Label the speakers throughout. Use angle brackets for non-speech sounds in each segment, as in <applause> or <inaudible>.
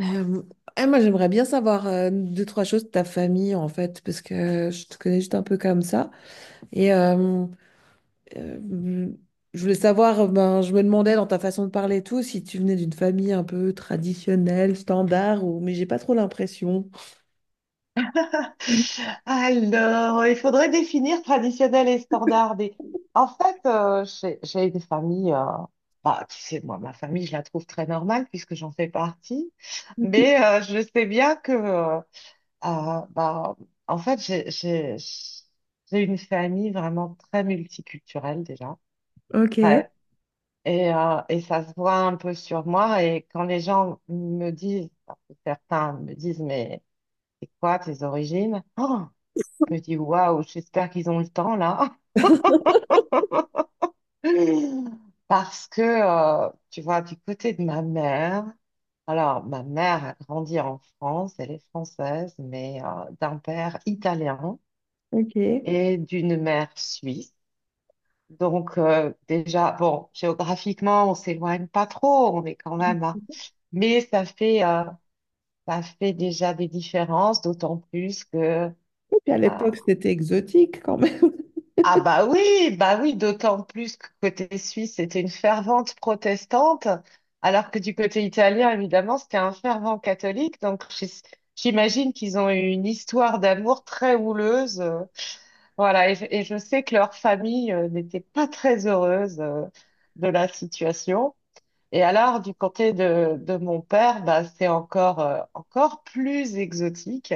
Speaker 1: Euh, moi, j'aimerais bien savoir deux, trois choses de ta famille, en fait, parce que je te connais juste un peu comme ça. Et euh, euh, je voulais savoir, ben, je me demandais dans ta façon de parler et tout, si tu venais d'une famille un peu traditionnelle, standard, ou mais j'ai pas trop l'impression.
Speaker 2: Alors, il faudrait définir traditionnel et standard. Et en fait, j'ai des familles, bah, tu sais, moi, ma famille, je la trouve très normale puisque j'en fais partie. Mais je sais bien que, euh, bah, en fait, j'ai une famille vraiment très multiculturelle déjà.
Speaker 1: Ok,
Speaker 2: Ouais. Et et ça se voit un peu sur moi. Et quand les gens me disent, parce que certains me disent, mais c'est quoi tes origines? Oh, je me dis, waouh, j'espère qu'ils ont le temps là. <laughs> Parce que, tu vois, du côté de ma mère, alors ma mère a grandi en France, elle est française, mais d'un père italien
Speaker 1: ok. Et
Speaker 2: et d'une mère suisse. Donc déjà, bon, géographiquement, on s'éloigne pas trop, on est quand même à- Mais ça fait, euh, ça fait déjà des différences, d'autant plus que...
Speaker 1: puis à
Speaker 2: euh,
Speaker 1: l'époque, c'était exotique quand même. <laughs>
Speaker 2: Ah bah oui, d'autant plus que côté suisse, c'était une fervente protestante, alors que du côté italien, évidemment, c'était un fervent catholique. Donc j'imagine qu'ils ont eu une histoire d'amour très houleuse. Voilà, et je sais que leur famille n'était pas très heureuse de la situation. Et alors, du côté de mon père, bah, c'est encore, encore plus exotique,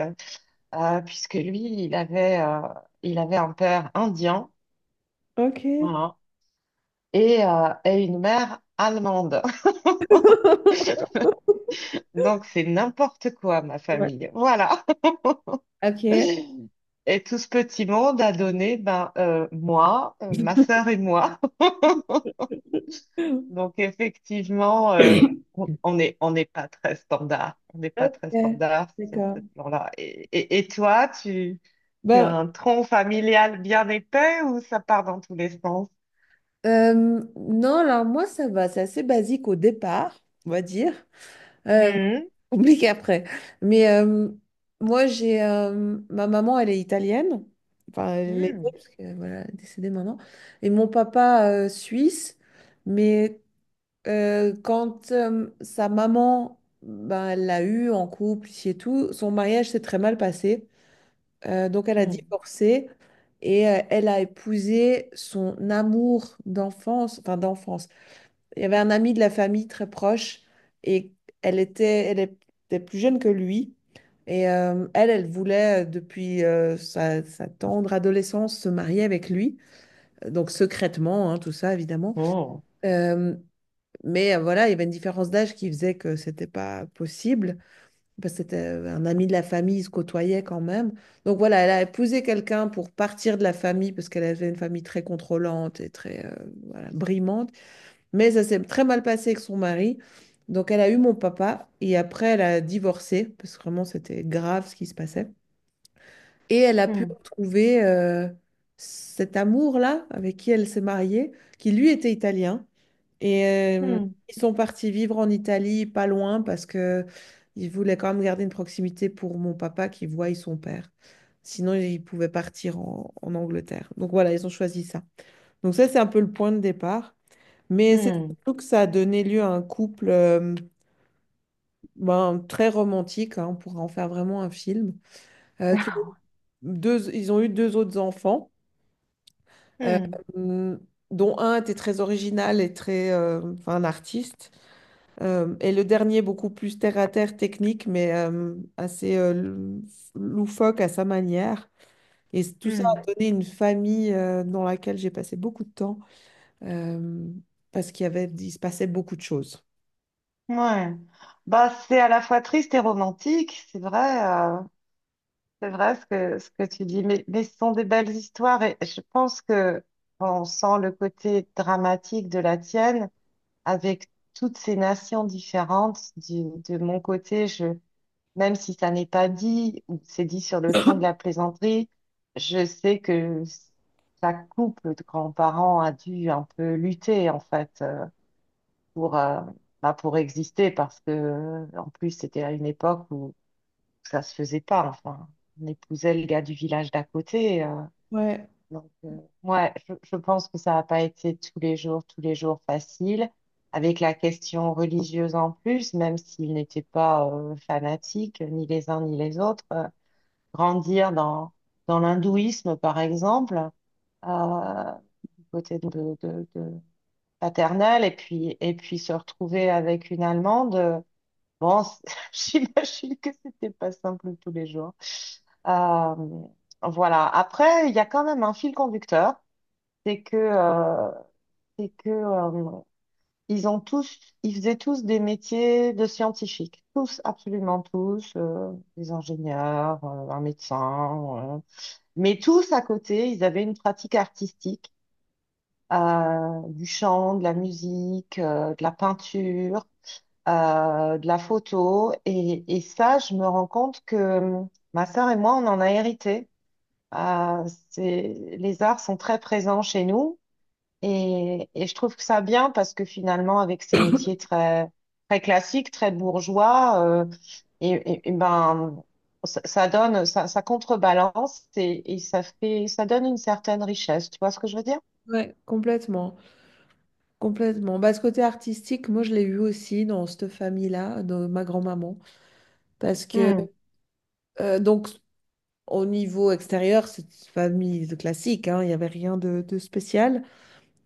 Speaker 2: puisque lui, il avait, euh, il avait un père indien.
Speaker 1: Ok.
Speaker 2: Voilà. Et et une mère allemande. <laughs>
Speaker 1: <laughs>
Speaker 2: Donc c'est n'importe quoi, ma
Speaker 1: Ouais.
Speaker 2: famille. Voilà. <laughs>
Speaker 1: Ok.
Speaker 2: Et tout ce petit monde a donné ben, moi, ma sœur et moi. <laughs> Donc effectivement, on est, on n'est pas très standard. On n'est pas
Speaker 1: Ok.
Speaker 2: très standard sur ce
Speaker 1: D'accord.
Speaker 2: plan-là. Et toi, tu as
Speaker 1: Ben,
Speaker 2: un tronc familial bien épais ou ça part dans tous les sens?
Speaker 1: Non, alors moi, ça va, c'est assez basique au départ, on va dire, euh,
Speaker 2: Hmm,
Speaker 1: <laughs> compliqué après. Mais euh, moi, j'ai ma maman, elle est italienne, enfin, elle l'était
Speaker 2: hmm,
Speaker 1: parce que voilà, elle est décédée maintenant, et mon papa suisse. Mais quand sa maman, ben, elle l'a eu en couple ici et tout, son mariage s'est très mal passé. Donc elle a
Speaker 2: hmm.
Speaker 1: divorcé. Et elle a épousé son amour d'enfance, enfin d'enfance, il y avait un ami de la famille très proche et elle était plus jeune que lui. Et elle, elle voulait depuis sa, sa tendre adolescence se marier avec lui. Donc secrètement, hein, tout ça évidemment.
Speaker 2: Oh.
Speaker 1: Euh, mais voilà, il y avait une différence d'âge qui faisait que c'était pas possible, parce que c'était un ami de la famille, ils se côtoyaient quand même. Donc voilà, elle a épousé quelqu'un pour partir de la famille, parce qu'elle avait une famille très contrôlante et très voilà, brimante. Mais ça s'est très mal passé avec son mari. Donc elle a eu mon papa et après elle a divorcé parce que vraiment c'était grave ce qui se passait. Et elle a pu
Speaker 2: Hmm,
Speaker 1: retrouver cet amour-là avec qui elle s'est mariée, qui lui était italien. Et euh,
Speaker 2: hmm,
Speaker 1: ils sont partis vivre en Italie, pas loin, parce que ils voulaient quand même garder une proximité pour mon papa qui voit son père. Sinon, ils pouvaient partir en Angleterre. Donc voilà, ils ont choisi ça. Donc ça, c'est un peu le point de départ. Mais c'est
Speaker 2: hmm.
Speaker 1: surtout que ça a donné lieu à un couple ben, très romantique, hein, on pourrait en faire vraiment un film. euh, qui ont Ils ont eu deux autres enfants, euh,
Speaker 2: Hmm,
Speaker 1: dont un était très original et très, enfin, un artiste, et le dernier beaucoup plus terre-à-terre technique, mais assez loufoque à sa manière. Tout ça a
Speaker 2: hmm. <laughs>
Speaker 1: donné une famille dans laquelle j'ai passé beaucoup de temps, euh, parce qu'il y avait, il se passait beaucoup de choses.
Speaker 2: Ouais. Bah, c'est à la fois triste et romantique, c'est vrai ce que tu dis, mais ce sont des belles histoires et je pense que on sent le côté dramatique de la tienne avec toutes ces nations différentes. De mon côté, même si ça n'est pas dit ou c'est dit sur le ton de la plaisanterie, je sais que chaque couple de grands-parents a dû un peu lutter en fait pour bah, pour exister parce que, en plus, c'était à une époque où ça se faisait pas. Enfin, on épousait le gars du village d'à côté. euh.
Speaker 1: Ouais,
Speaker 2: donc, euh, ouais, je pense que ça n'a pas été tous les jours facile. Avec la question religieuse en plus, même s'ils n'étaient pas fanatiques, ni les uns ni les autres, grandir dans l'hindouisme, par exemple, euh, du côté de paternel, et puis se retrouver avec une Allemande. Bon, <laughs> j'imagine que c'était pas simple tous les jours. Euh, voilà. Après, il y a quand même un fil conducteur, c'est que, euh, c'est que ils ont tous, ils faisaient tous des métiers de scientifiques, tous, absolument tous, des ingénieurs, un médecin, mais tous à côté, ils avaient une pratique artistique, du chant, de la musique, de la peinture de la photo. Et ça, je me rends compte que ma sœur et moi, on en a hérité. Euh, c'est, les arts sont très présents chez nous et je trouve que ça bien parce que finalement, avec ces métiers très, très classiques, très bourgeois, et ben, ça, ça contrebalance et ça fait, ça donne une certaine richesse. Tu vois ce que je veux dire?
Speaker 1: ouais, complètement. Complètement. Bah, ce côté artistique, moi, je l'ai eu aussi dans cette famille-là, de ma grand-maman. Parce que,
Speaker 2: Hmm,
Speaker 1: donc, au niveau extérieur, c'est une famille de classique, hein, il n'y avait rien de, de spécial.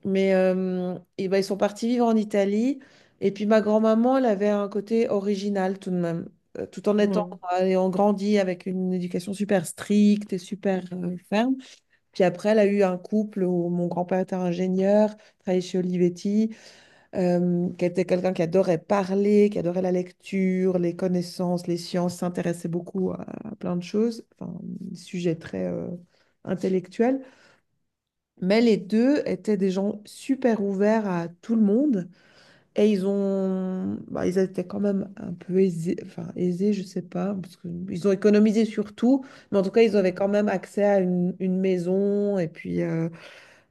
Speaker 1: Mais et ben, ils sont partis vivre en Italie. Et puis, ma grand-maman, elle avait un côté original tout de même. Tout en étant,
Speaker 2: hmm.
Speaker 1: ayant grandi avec une éducation super stricte et super ferme. Puis après, elle a eu un couple où mon grand-père était ingénieur, travaillait chez Olivetti. Qui était quelqu'un qui adorait parler, qui adorait la lecture, les connaissances, les sciences, s'intéressait beaucoup à plein de choses, enfin, des sujets très intellectuels. Mais les deux étaient des gens super ouverts à tout le monde et ils ont, bah, ils étaient quand même un peu aisés, enfin aisés, je sais pas, parce qu'ils ont économisé sur tout, mais en tout cas, ils avaient quand même accès à une maison et puis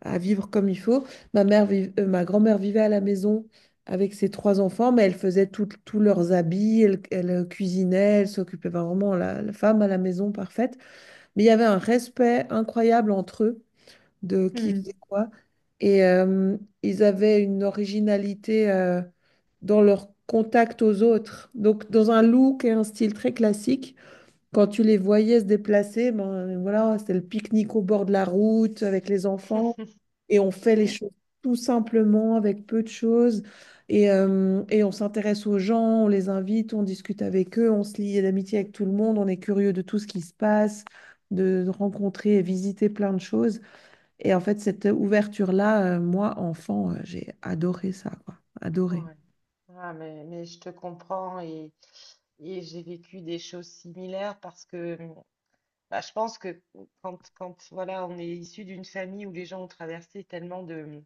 Speaker 1: à vivre comme il faut. Ma grand-mère vivait à la maison avec ses trois enfants, mais elle faisait tous leurs habits, elle, elle, cuisinait, elle s'occupait vraiment la, la femme à la maison parfaite. Mais il y avait un respect incroyable entre eux de qui
Speaker 2: Hmm.
Speaker 1: faisait quoi. Et ils avaient une originalité dans leur contact aux autres. Donc, dans un look et un style très classique, quand tu les voyais se déplacer, ben, voilà, c'était le pique-nique au bord de la route avec les enfants et on fait les choses tout simplement avec peu de choses et on s'intéresse aux gens, on les invite, on discute avec eux, on se lie d'amitié avec tout le monde, on est curieux de tout ce qui se passe, de rencontrer et visiter plein de choses. Et en fait, cette ouverture-là, moi, enfant, j'ai adoré ça, quoi. Adoré.
Speaker 2: Ouais. Ah, mais je te comprends et et j'ai vécu des choses similaires parce que bah, je pense que quand voilà, on est issu d'une famille où les gens ont traversé tellement de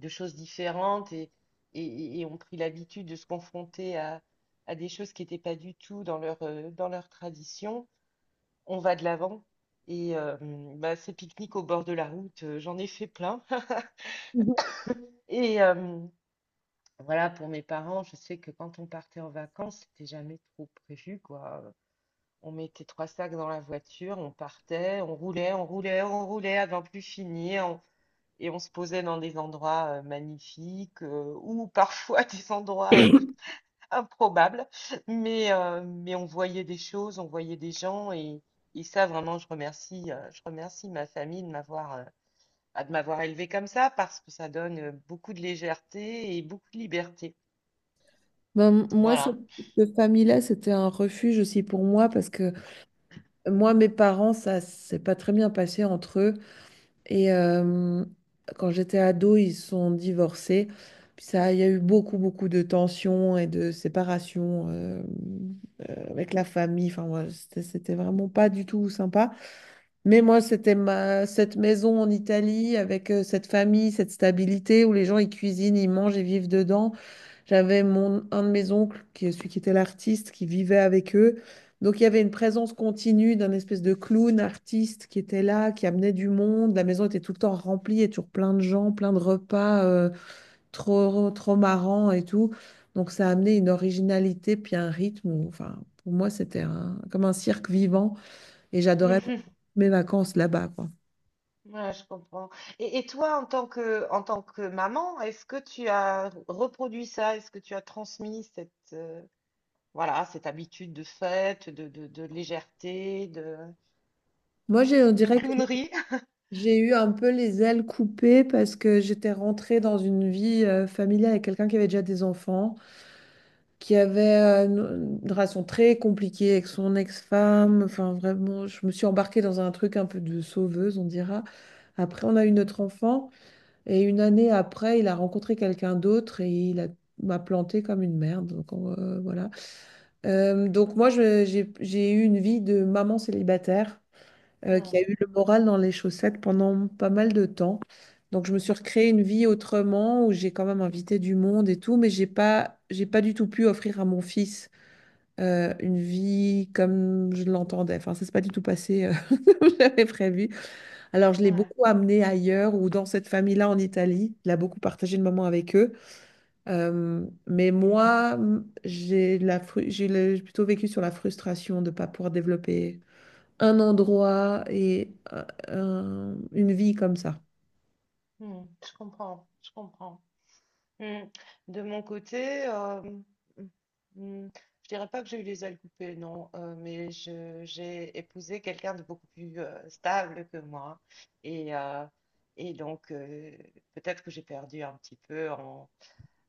Speaker 2: de choses différentes et ont pris l'habitude de se confronter à des choses qui n'étaient pas du tout dans leur dans leur tradition, on va de l'avant. Bah, ces pique-niques au bord de la route, j'en ai fait plein. <laughs>
Speaker 1: Mhm.
Speaker 2: Et, euh, mmh, Voilà, pour mes parents, je sais que quand on partait en vacances, c'était jamais trop prévu, quoi. On mettait trois sacs dans la voiture, on partait, on roulait, on roulait, on roulait avant plus finir, et on se posait dans des endroits magnifiques ou parfois <laughs> des endroits improbables. Mais on voyait des choses, on voyait des gens, et ça, vraiment, je remercie ma famille de m'avoir bah, de m'avoir élevée comme ça parce que ça donne beaucoup de légèreté et beaucoup de liberté.
Speaker 1: Ben, moi, cette,
Speaker 2: Voilà.
Speaker 1: cette famille-là, c'était un refuge aussi pour moi parce que moi, mes parents, ça s'est pas très bien passé entre eux. Et quand j'étais ado, ils se sont divorcés. Puis ça, il y a eu beaucoup, beaucoup de tensions et de séparations avec la famille. Enfin, voilà, c'était vraiment pas du tout sympa. Mais moi, c'était ma, cette maison en Italie avec cette famille, cette stabilité où les gens, ils cuisinent, ils mangent, ils vivent dedans. J'avais mon, un de mes oncles, qui est celui qui était l'artiste, qui vivait avec eux. Donc il y avait une présence continue d'un espèce de clown artiste qui était là, qui amenait du monde. La maison était tout le temps remplie, il y avait toujours plein de gens, plein de repas, trop, trop marrants et tout. Donc ça a amené une originalité, puis un rythme. Enfin, pour moi, c'était comme un cirque vivant et
Speaker 2: <laughs>
Speaker 1: j'adorais
Speaker 2: Mhm.
Speaker 1: mes vacances là-bas, quoi.
Speaker 2: Ouais, je comprends. Et toi, en tant que maman, est-ce que tu as reproduit ça? Est-ce que tu as transmis cette, voilà, cette habitude de fête, de légèreté,
Speaker 1: On
Speaker 2: de
Speaker 1: dirait que
Speaker 2: clownerie? <laughs>
Speaker 1: j'ai eu un peu les ailes coupées parce que j'étais rentrée dans une vie familiale avec quelqu'un qui avait déjà des enfants, qui avait une relation très compliquée avec son ex-femme. Enfin, vraiment, je me suis embarquée dans un truc un peu de sauveuse, on dira. Après, on a eu notre enfant et une année après, il a rencontré quelqu'un d'autre et m'a plantée comme une merde. Donc, voilà. Donc moi, j'ai eu une vie de maman célibataire qui a
Speaker 2: Hmm.
Speaker 1: eu le moral dans les chaussettes pendant pas mal de temps. Donc je me suis recréé une vie autrement où j'ai quand même invité du monde et tout, mais j'ai pas du tout pu offrir à mon fils une vie comme je l'entendais. Enfin, ça s'est pas du tout passé <laughs> comme j'avais prévu. Alors je l'ai
Speaker 2: Ouais.
Speaker 1: beaucoup amené ailleurs ou dans cette famille-là en Italie. Il a beaucoup partagé le moment avec eux. Mais moi, j'ai plutôt vécu sur la frustration de ne pas pouvoir développer un endroit et une vie comme ça.
Speaker 2: Hmm. Je comprends, je comprends. Mm. De mon côté, mm, je dirais pas que j'ai eu les ailes coupées, non, mais j'ai épousé quelqu'un de beaucoup plus stable que moi. Et, euh, et donc, peut-être que j'ai perdu un petit peu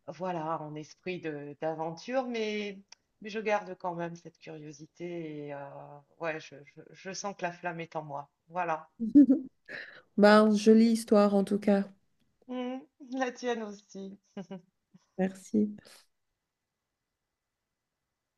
Speaker 2: voilà, en esprit d'aventure, mais je garde quand même cette curiosité. Et ouais, je sens que la flamme est en moi. Voilà.
Speaker 1: <laughs> Bah, jolie histoire en tout cas.
Speaker 2: Mm, la tienne aussi. <laughs>
Speaker 1: Merci.